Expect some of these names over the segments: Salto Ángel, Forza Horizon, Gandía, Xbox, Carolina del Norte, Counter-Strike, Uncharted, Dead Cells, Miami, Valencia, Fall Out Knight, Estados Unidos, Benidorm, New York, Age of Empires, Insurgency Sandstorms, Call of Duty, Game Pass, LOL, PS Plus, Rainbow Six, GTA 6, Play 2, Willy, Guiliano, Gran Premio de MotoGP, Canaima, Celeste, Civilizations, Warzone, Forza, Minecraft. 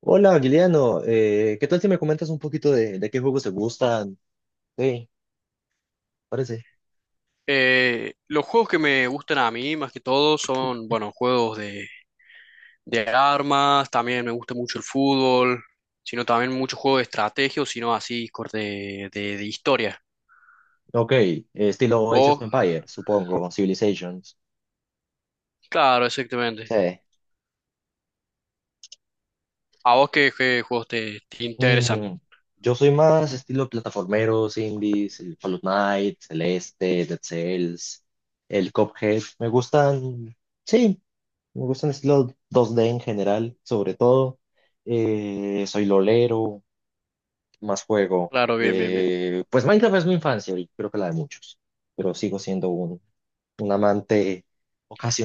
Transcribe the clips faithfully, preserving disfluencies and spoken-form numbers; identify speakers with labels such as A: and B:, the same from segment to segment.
A: Hola, Guiliano. Eh, ¿qué tal si me comentas un poquito de, de qué juegos te gustan? Sí, parece.
B: Eh, los juegos que me gustan a mí, más que todo, son, bueno, juegos de, de armas. También me gusta mucho el fútbol, sino también muchos juegos de estrategia, o sino así, cor- de, de, de historia.
A: Ok, eh, estilo Age of
B: ¿Vos?
A: Empires, supongo, Civilizations.
B: Claro, exactamente.
A: Sí.
B: ¿A vos qué, qué juegos te, te interesan?
A: Mm, yo soy más estilo plataformeros, indies, el Fall Out Knight, Celeste, Dead Cells, el Cuphead. Me gustan, sí, me gustan estilo dos D en general, sobre todo. Eh, soy lolero, más juego.
B: Claro, bien, bien, bien.
A: Eh, pues Minecraft es mi infancia y creo que la de muchos, pero sigo siendo un, un amante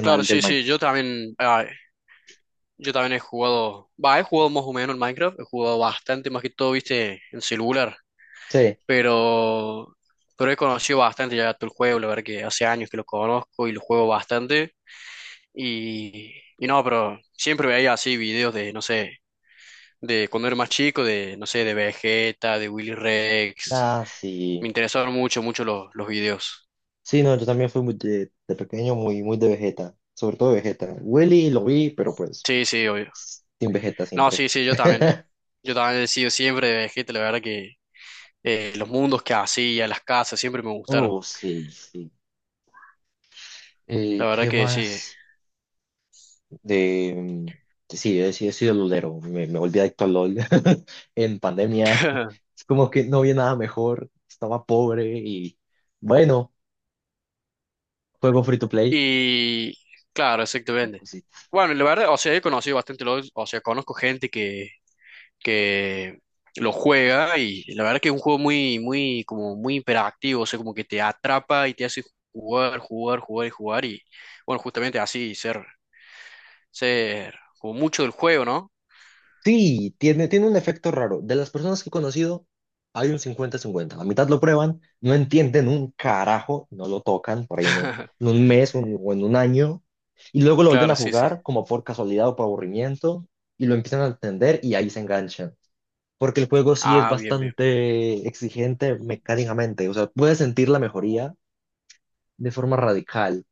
B: Claro,
A: del
B: sí, sí, yo
A: Minecraft.
B: también, ah, yo también he jugado, va, he jugado más o menos en Minecraft. He jugado bastante, más que todo, viste, en celular.
A: Sí,
B: pero, pero he conocido bastante ya todo el juego, la verdad que hace años que lo conozco y lo juego bastante. Y, y no, pero siempre veía así videos de, no sé, de cuando era más chico, de, no sé, de Vegeta, de Willy Rex.
A: ah,
B: Me
A: sí.
B: interesaron mucho, mucho los, los videos.
A: Sí, no, yo también fui muy de, de pequeño muy, muy de Vegeta, sobre todo de Vegeta. Willy lo vi, pero pues
B: Sí, sí, obvio.
A: sin Vegeta
B: No,
A: siempre.
B: sí, sí, yo también. Yo también he sido siempre de Vegeta, la verdad que eh, los mundos que hacía, las casas, siempre me gustaron.
A: Oh, sí, sí. Eh,
B: La verdad
A: ¿qué
B: que sí.
A: más? De, sí, he, sí he sido lolero, me, me volví adicto al LOL en pandemia. Es como que no había nada mejor, estaba pobre y bueno, juego free to play.
B: Y claro,
A: Una
B: exactamente.
A: cosita.
B: Bueno, la verdad, o sea, he conocido bastante LOL. O sea, conozco gente que, que lo juega, y la verdad que es un juego muy, muy, como muy hiperactivo. O sea, como que te atrapa y te hace jugar, jugar, jugar y jugar, y bueno, justamente así, ser, ser como mucho del juego, ¿no?
A: Sí, tiene, tiene un efecto raro. De las personas que he conocido, hay un cincuenta-cincuenta. La mitad lo prueban, no entienden un carajo, no lo tocan por ahí en un, en un mes un- o en un año, y luego lo vuelven
B: Claro,
A: a
B: sí, sí.
A: jugar como por casualidad o por aburrimiento, y lo empiezan a entender y ahí se enganchan. Porque el juego sí es
B: Ah, bien, bien.
A: bastante exigente mecánicamente, o sea, puedes sentir la mejoría de forma radical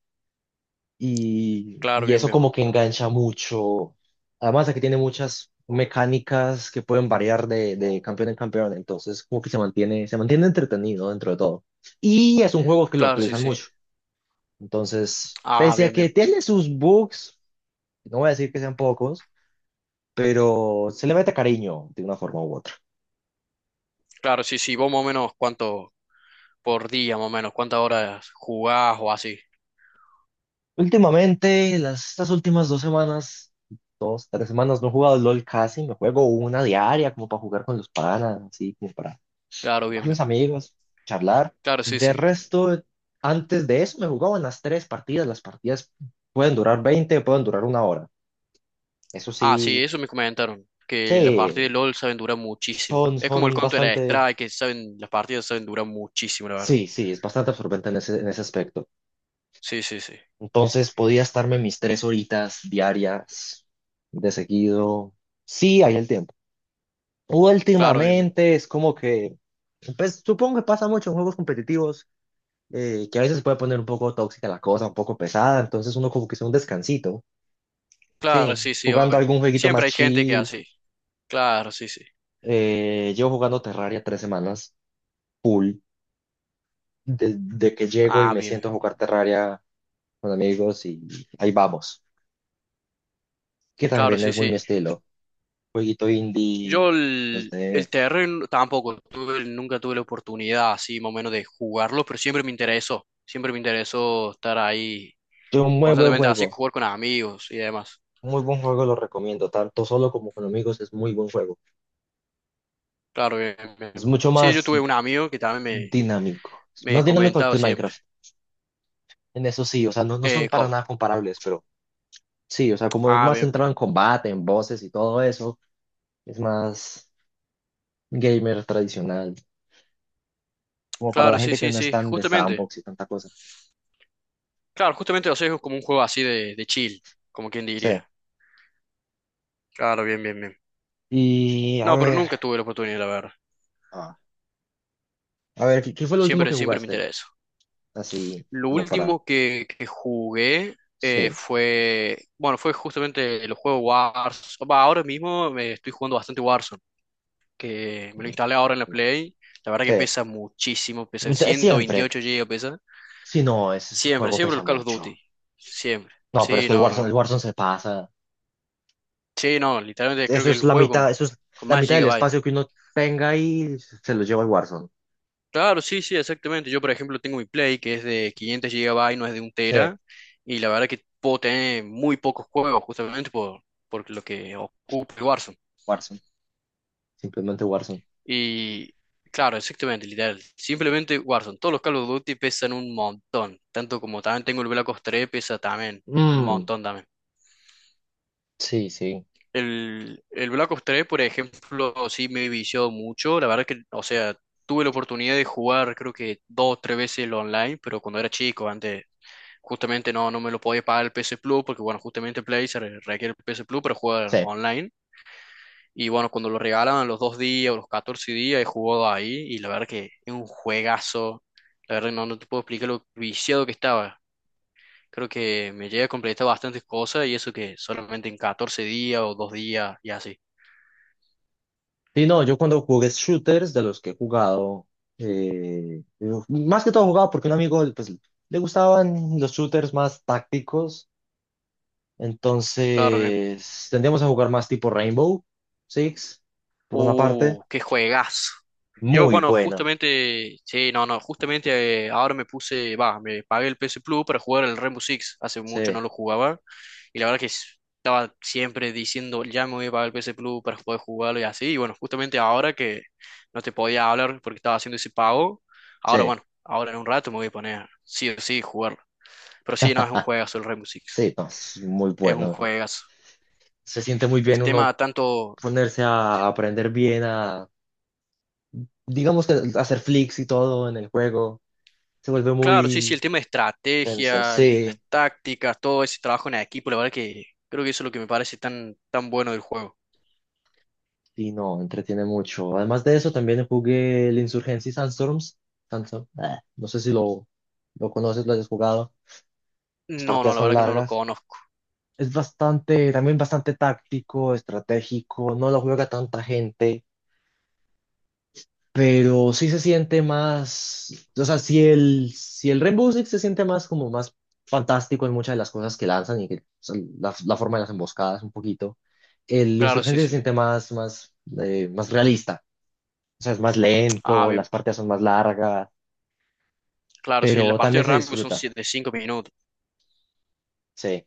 A: y,
B: Claro,
A: y
B: bien,
A: eso
B: bien.
A: como que engancha mucho, además de que tiene muchas mecánicas que pueden variar de, de campeón en campeón, entonces como que se mantiene, se mantiene entretenido dentro de todo. Y es un juego que lo
B: Claro, sí,
A: actualizan
B: sí.
A: mucho, entonces,
B: Ah,
A: pese a
B: bien,
A: que
B: bien.
A: tiene sus bugs, no voy a decir que sean pocos, pero se le mete cariño de una forma u otra.
B: Claro, sí, sí. ¿Vos más o menos cuánto por día, más o menos, cuántas horas jugás o así?
A: Últimamente, las, estas últimas dos semanas, dos, tres semanas, no he jugado LOL casi, me juego una diaria como para jugar con los panas, así como para
B: Claro,
A: jugar
B: bien,
A: con
B: bien.
A: los amigos, charlar.
B: Claro, sí,
A: De
B: sí.
A: resto, antes de eso me jugaban las tres partidas, las partidas pueden durar veinte, pueden durar una hora. Eso
B: Ah, sí,
A: sí,
B: eso me comentaron. Que las partidas
A: sí,
B: de LOL saben durar muchísimo.
A: son,
B: Es como el
A: son bastante,
B: Counter-Strike, que saben, las partidas saben durar muchísimo, la verdad.
A: sí, sí, es bastante absorbente en ese, en ese aspecto.
B: Sí, sí, sí.
A: Entonces podía estarme mis tres horitas diarias de seguido, sí hay el tiempo.
B: Claro, bien, bien.
A: Últimamente es como que, pues supongo que pasa mucho en juegos competitivos, eh, que a veces se puede poner un poco tóxica la cosa, un poco pesada, entonces uno como que se da un descansito,
B: Claro,
A: sí,
B: sí, sí,
A: jugando
B: obvio.
A: algún jueguito más
B: Siempre hay gente que
A: chill.
B: así. Claro, sí, sí.
A: Eh, llevo jugando Terraria tres semanas, full, desde que llego y
B: Ah,
A: me
B: bien.
A: siento a jugar Terraria con amigos y ahí vamos, que
B: Claro,
A: también
B: sí,
A: es muy mi
B: sí.
A: estilo, jueguito
B: Yo
A: indie, los
B: el, el
A: de...
B: terreno tampoco tuve, nunca tuve la oportunidad así más o menos de jugarlo, pero siempre me interesó. Siempre me interesó estar ahí
A: Es un muy buen
B: constantemente así,
A: juego,
B: jugar con amigos y demás.
A: muy buen juego, lo recomiendo, tanto solo como con amigos es muy buen juego.
B: Claro, bien, bien,
A: Es
B: bien.
A: mucho
B: Sí, yo
A: más
B: tuve un amigo que también
A: dinámico. Es
B: me, me
A: más dinámico que
B: comentaba
A: el
B: siempre.
A: Minecraft. En eso sí, o sea, no, no son
B: Eh,
A: para
B: co-
A: nada comparables, pero sí, o sea, como es
B: ah,
A: más
B: bien.
A: centrado en combate, en voces y todo eso, es más gamer tradicional. Como para la
B: Claro, sí,
A: gente que
B: sí,
A: no es
B: sí,
A: tan de
B: justamente.
A: sandbox y tanta cosa.
B: Claro, justamente, o sea, es como un juego así de, de chill, como quien
A: Sí.
B: diría. Claro, bien, bien, bien.
A: Y a
B: No, pero
A: ver,
B: nunca tuve la oportunidad, la verdad.
A: ah, a ver, ¿qué, qué fue lo último que
B: Siempre, siempre me
A: jugaste?
B: interesó.
A: Así,
B: Lo
A: como para.
B: último que, que jugué, eh,
A: Sí.
B: fue, bueno, fue justamente los juegos Warzone. Va, ahora mismo me estoy jugando bastante Warzone, que me lo instalé ahora en la Play. La verdad que
A: Sí.
B: pesa muchísimo, pesa
A: Siempre.
B: ciento veintiocho gigabytes, pesa.
A: Sí, no, ese ese
B: Siempre,
A: juego
B: siempre
A: pesa
B: los Call of
A: mucho.
B: Duty. Siempre.
A: No, pero es
B: Sí,
A: que el
B: no,
A: Warzone, el
B: no.
A: Warzone se pasa.
B: Sí, no, literalmente creo
A: eso
B: que
A: es
B: el
A: la
B: juego con,
A: mitad, eso es
B: con
A: la
B: más
A: mitad del
B: gigabytes.
A: espacio que uno tenga y se lo lleva el Warzone.
B: Claro, sí, sí, exactamente. Yo, por ejemplo, tengo mi Play que es de quinientos gigabytes, no es de un
A: Sí,
B: tera. Y la verdad que puedo tener muy pocos juegos justamente por, por lo que ocupa el Warzone.
A: Warzone. Simplemente Warzone.
B: Y claro, exactamente, literal. Simplemente Warzone. Todos los Call of Duty pesan un montón. Tanto como también tengo el Black Ops tres, pesa también un
A: Mm,
B: montón también.
A: sí, sí,
B: El, el Black Ops tres, por ejemplo, sí me he viciado mucho. La verdad que, o sea, tuve la oportunidad de jugar creo que dos o tres veces el online, pero cuando era chico, antes justamente no, no me lo podía pagar el P S Plus, porque bueno, justamente Play se re- requiere el P S Plus para jugar
A: sí.
B: online. Y bueno, cuando lo regalaban los dos días o los catorce días, he jugado ahí, y la verdad que es un juegazo. La verdad que no, no te puedo explicar lo viciado que estaba. Creo que me llegué a completar bastantes cosas, y eso que solamente en catorce días o dos días y así.
A: Sí, no, yo cuando jugué shooters de los que he jugado, eh, yo- más que todo jugaba porque un amigo pues, le gustaban los shooters más tácticos,
B: Claro que.
A: entonces tendíamos a jugar más tipo Rainbow Six, por una parte.
B: Uh, ¡qué juegazo! Yo,
A: Muy
B: bueno,
A: buena,
B: justamente, sí, no, no, justamente, eh, ahora me puse, va, me pagué el P S Plus para jugar el Rainbow Six. Hace mucho no
A: sí,
B: lo jugaba. Y la verdad que s- estaba siempre diciendo, ya me voy a pagar el P S Plus para poder jugarlo y así. Y bueno, justamente ahora que no te podía hablar porque estaba haciendo ese pago, ahora,
A: sí,
B: bueno, ahora en un rato me voy a poner, sí o sí, jugarlo. Pero sí, no, es un juegazo el Rainbow Six.
A: sí, no, es muy
B: Es un
A: bueno.
B: juegazo.
A: Se siente muy
B: El
A: bien uno
B: tema tanto.
A: ponerse a aprender bien a, digamos que hacer flicks y todo en el juego, se vuelve
B: Claro, sí, sí, el
A: muy
B: tema de
A: tenso.
B: estrategia, las
A: Sí,
B: tácticas, todo ese trabajo en equipo, la verdad que creo que eso es lo que me parece tan, tan bueno del juego.
A: y no, entretiene mucho. Además de eso, también jugué el Insurgency Sandstorms. Sandstorm, eh, no sé si lo, lo conoces, lo hayas jugado. Las
B: No, no,
A: partidas
B: la
A: son
B: verdad que no lo
A: largas.
B: conozco.
A: Es bastante, también bastante táctico, estratégico, no lo juega tanta gente. Pero sí se siente más, o sea, si el, si el Rainbow Six se siente más como más fantástico en muchas de las cosas que lanzan y que o sea, la, la forma de las emboscadas un poquito. El
B: Claro, sí,
A: Insurgencia se
B: sí.
A: siente más, más, eh, más realista, o sea, es más
B: Ah,
A: lento,
B: bien.
A: las partidas son más largas,
B: Claro, sí, las
A: pero también
B: partidas
A: se
B: de Rainbow son
A: disfruta,
B: siete de cinco minutos.
A: sí.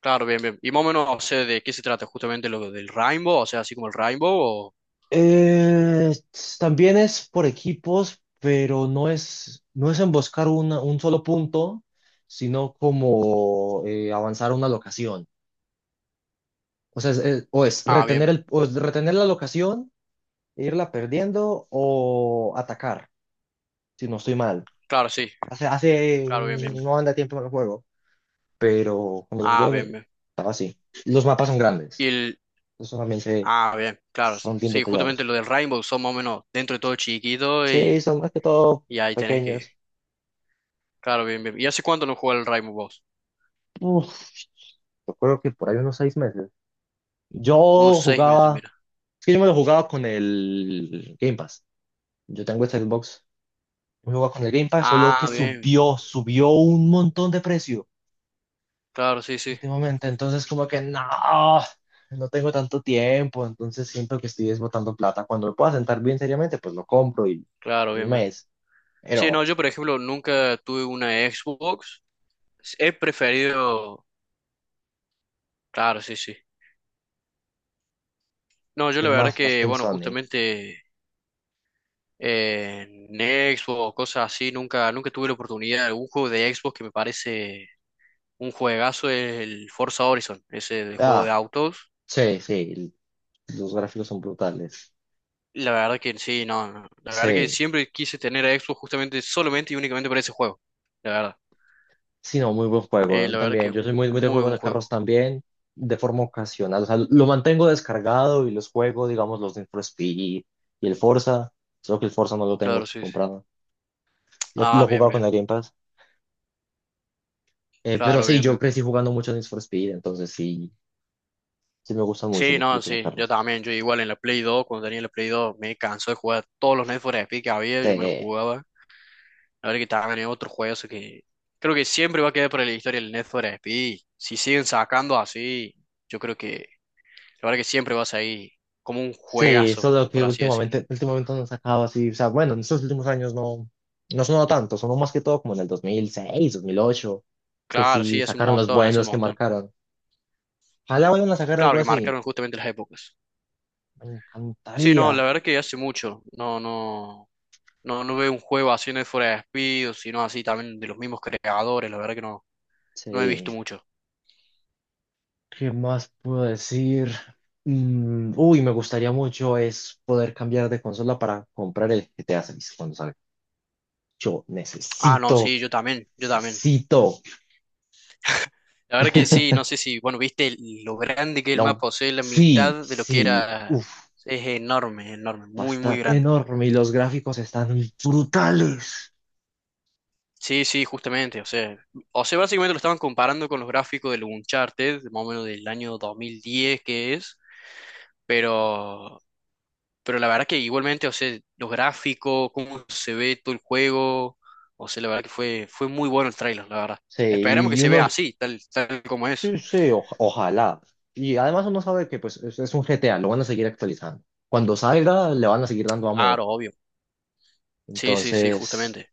B: Claro, bien, bien. Y más o menos, o sea, ¿de qué se trata? Justamente lo del Rainbow, o sea, así como el Rainbow, o...
A: Eh, También es por equipos, pero no es, no es emboscar una- un solo punto, sino como eh, avanzar a una locación. O sea, es, es- o es
B: Ah,
A: retener
B: bien.
A: el, o es retener la locación e irla perdiendo o atacar, si no estoy mal.
B: Claro, sí.
A: Hace, hace
B: Claro, bien, bien.
A: un-
B: Bien.
A: no anda tiempo en el juego, pero cuando lo
B: Ah, bien,
A: jugué
B: bien.
A: estaba así. Los mapas son
B: Y
A: grandes,
B: el...
A: eso también se,
B: Ah, bien, claro.
A: son bien
B: Sí, justamente
A: detallados.
B: lo del Rainbow son más o menos dentro de todo chiquito,
A: Sí,
B: y,
A: son más que todo
B: y ahí tenés que.
A: pequeños.
B: Claro, bien, bien. ¿Y hace cuánto no juega el Rainbow Boss?
A: Uf, yo creo que por ahí unos seis meses.
B: Unos
A: Yo
B: seis meses,
A: jugaba,
B: mira.
A: es que yo me lo jugaba con el Game Pass. Yo tengo este Xbox, me jugaba con el Game Pass, solo que
B: Ah, bien.
A: subió, subió un montón de precio.
B: Claro, sí, sí.
A: Últimamente. Entonces, como que no, no tengo tanto tiempo, entonces siento que estoy desbotando plata. Cuando me pueda sentar bien seriamente, pues lo compro y
B: Claro,
A: un
B: bien, bien.
A: mes,
B: Sí, no,
A: pero
B: yo, por ejemplo, nunca tuve una Xbox. He preferido... Claro, sí, sí. No, yo la
A: es
B: verdad
A: más, más
B: que,
A: Team
B: bueno,
A: Sony.
B: justamente, eh, en Xbox, cosas así, nunca, nunca tuve la oportunidad. Un juego de Xbox que me parece un juegazo es el Forza Horizon, ese del juego de
A: Ah,
B: autos.
A: sí, sí, los gráficos son brutales.
B: La verdad que sí, no, no. La verdad que
A: Sí,
B: siempre quise tener a Xbox justamente, solamente y únicamente para ese juego. La verdad.
A: sí, no, muy buen juego
B: Eh,
A: ¿no?
B: la verdad que
A: también.
B: es
A: Yo soy
B: un
A: muy, muy de
B: muy
A: juegos
B: buen
A: de
B: juego.
A: carros también, de forma ocasional. O sea, lo mantengo descargado y los juego, digamos, los Need for Speed y el Forza, solo que el Forza no lo
B: Claro,
A: tengo
B: sí, sí.
A: comprado. Lo, lo
B: Ah,
A: he
B: bien,
A: jugado con
B: bien.
A: alguien. Eh, pero
B: Claro,
A: sí,
B: bien,
A: yo
B: bien.
A: crecí jugando mucho Need for Speed, entonces sí, sí me gustan mucho
B: Sí,
A: los
B: no,
A: jueguitos de
B: sí. Yo
A: carros.
B: también. Yo igual en la Play dos, cuando tenía la Play dos, me cansó de jugar todos los Need for Speed que había. Yo me los
A: Sí,
B: jugaba. La verdad que también es otro juego que creo que siempre va a quedar para la historia el Need for Speed. Si siguen sacando así, yo creo que la verdad que siempre va a seguir como un
A: sí,
B: juegazo,
A: solo que
B: por así decirlo.
A: últimamente, últimamente no han sacado así, o sea, bueno, en estos últimos años no, no sonó tanto, sonó más que todo como en el dos dos mil seis dos mil ocho que
B: Claro,
A: sí
B: sí, hace un
A: sacaron los
B: montón, hace un
A: buenos que
B: montón.
A: marcaron. Ojalá vayan a sacar algo
B: Claro que
A: así,
B: marcaron justamente las épocas.
A: me
B: Sí,
A: encantaría.
B: no, la verdad que hace mucho. No, no, no, no veo un juego así, no es fuera de despido, sino así también de los mismos creadores. La verdad que no, no he
A: Sí,
B: visto mucho.
A: ¿qué más puedo decir? Mm, uy, me gustaría mucho es poder cambiar de consola para comprar el G T A seis cuando salga. Yo
B: Ah, no,
A: necesito
B: sí, yo también, yo también.
A: Cito.
B: La verdad que sí, no sé si, bueno, viste el- lo grande que es el
A: Lo-
B: mapa, o sea, la
A: sí,
B: mitad de lo que
A: sí,
B: era,
A: uff,
B: es enorme, enorme, muy, muy
A: está
B: grande.
A: enorme y los gráficos están brutales.
B: Sí, sí, justamente, o sea, o sea, básicamente lo estaban comparando con los gráficos del Uncharted, más o menos del año dos mil diez que es, pero, pero la verdad que igualmente, o sea, los gráficos, cómo se ve todo el juego, o sea, la verdad que fue, fue muy bueno el tráiler, la verdad.
A: Sí,
B: Esperemos
A: y,
B: que
A: y
B: se vea
A: uno,
B: así, tal, tal como es.
A: sí, sí, oj- ojalá. Y además uno sabe que pues es, es un G T A, lo van a seguir actualizando. Cuando salga, le van a seguir dando amor.
B: Claro, obvio. Sí, sí, sí,
A: Entonces,
B: justamente.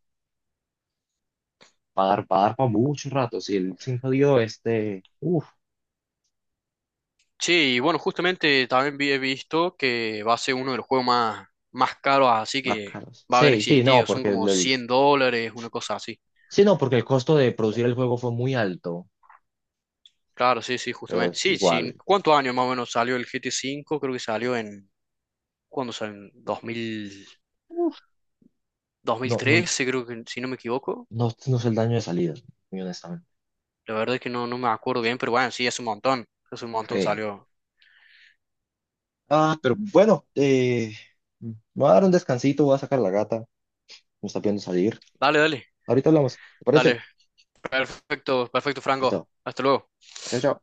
A: va a dar, va a dar para muchos ratos. Y el cinco dio este, uff,
B: Sí, y bueno, justamente también vi- he visto que va a ser uno de los juegos más, más caros, así
A: más
B: que
A: caros.
B: va a haber
A: Sí, sí, no,
B: existido. Son
A: porque el,
B: como
A: el-
B: cien dólares, una cosa así.
A: sí, no, porque el costo de producir el juego fue muy alto,
B: Claro, sí, sí,
A: pero
B: justamente.
A: es
B: Sí, sí.
A: igual.
B: ¿Cuántos años más o menos salió el G T V? Creo que salió en... ¿Cuándo salió? En dos mil,
A: Uf, no, no,
B: dos mil trece, creo que, si no me equivoco.
A: No, no sé el daño de salida, muy honestamente.
B: La verdad es que no, no me acuerdo bien, pero bueno, sí, es un montón. Es un montón
A: Eh,
B: salió.
A: ah, pero bueno, eh, me voy a dar un descansito, voy a sacar la gata, me está pidiendo salir.
B: Dale, dale,
A: Ahorita hablamos, ¿te parece?
B: dale. Perfecto, perfecto, Franco.
A: Listo.
B: Hasta luego.
A: Chao, chao.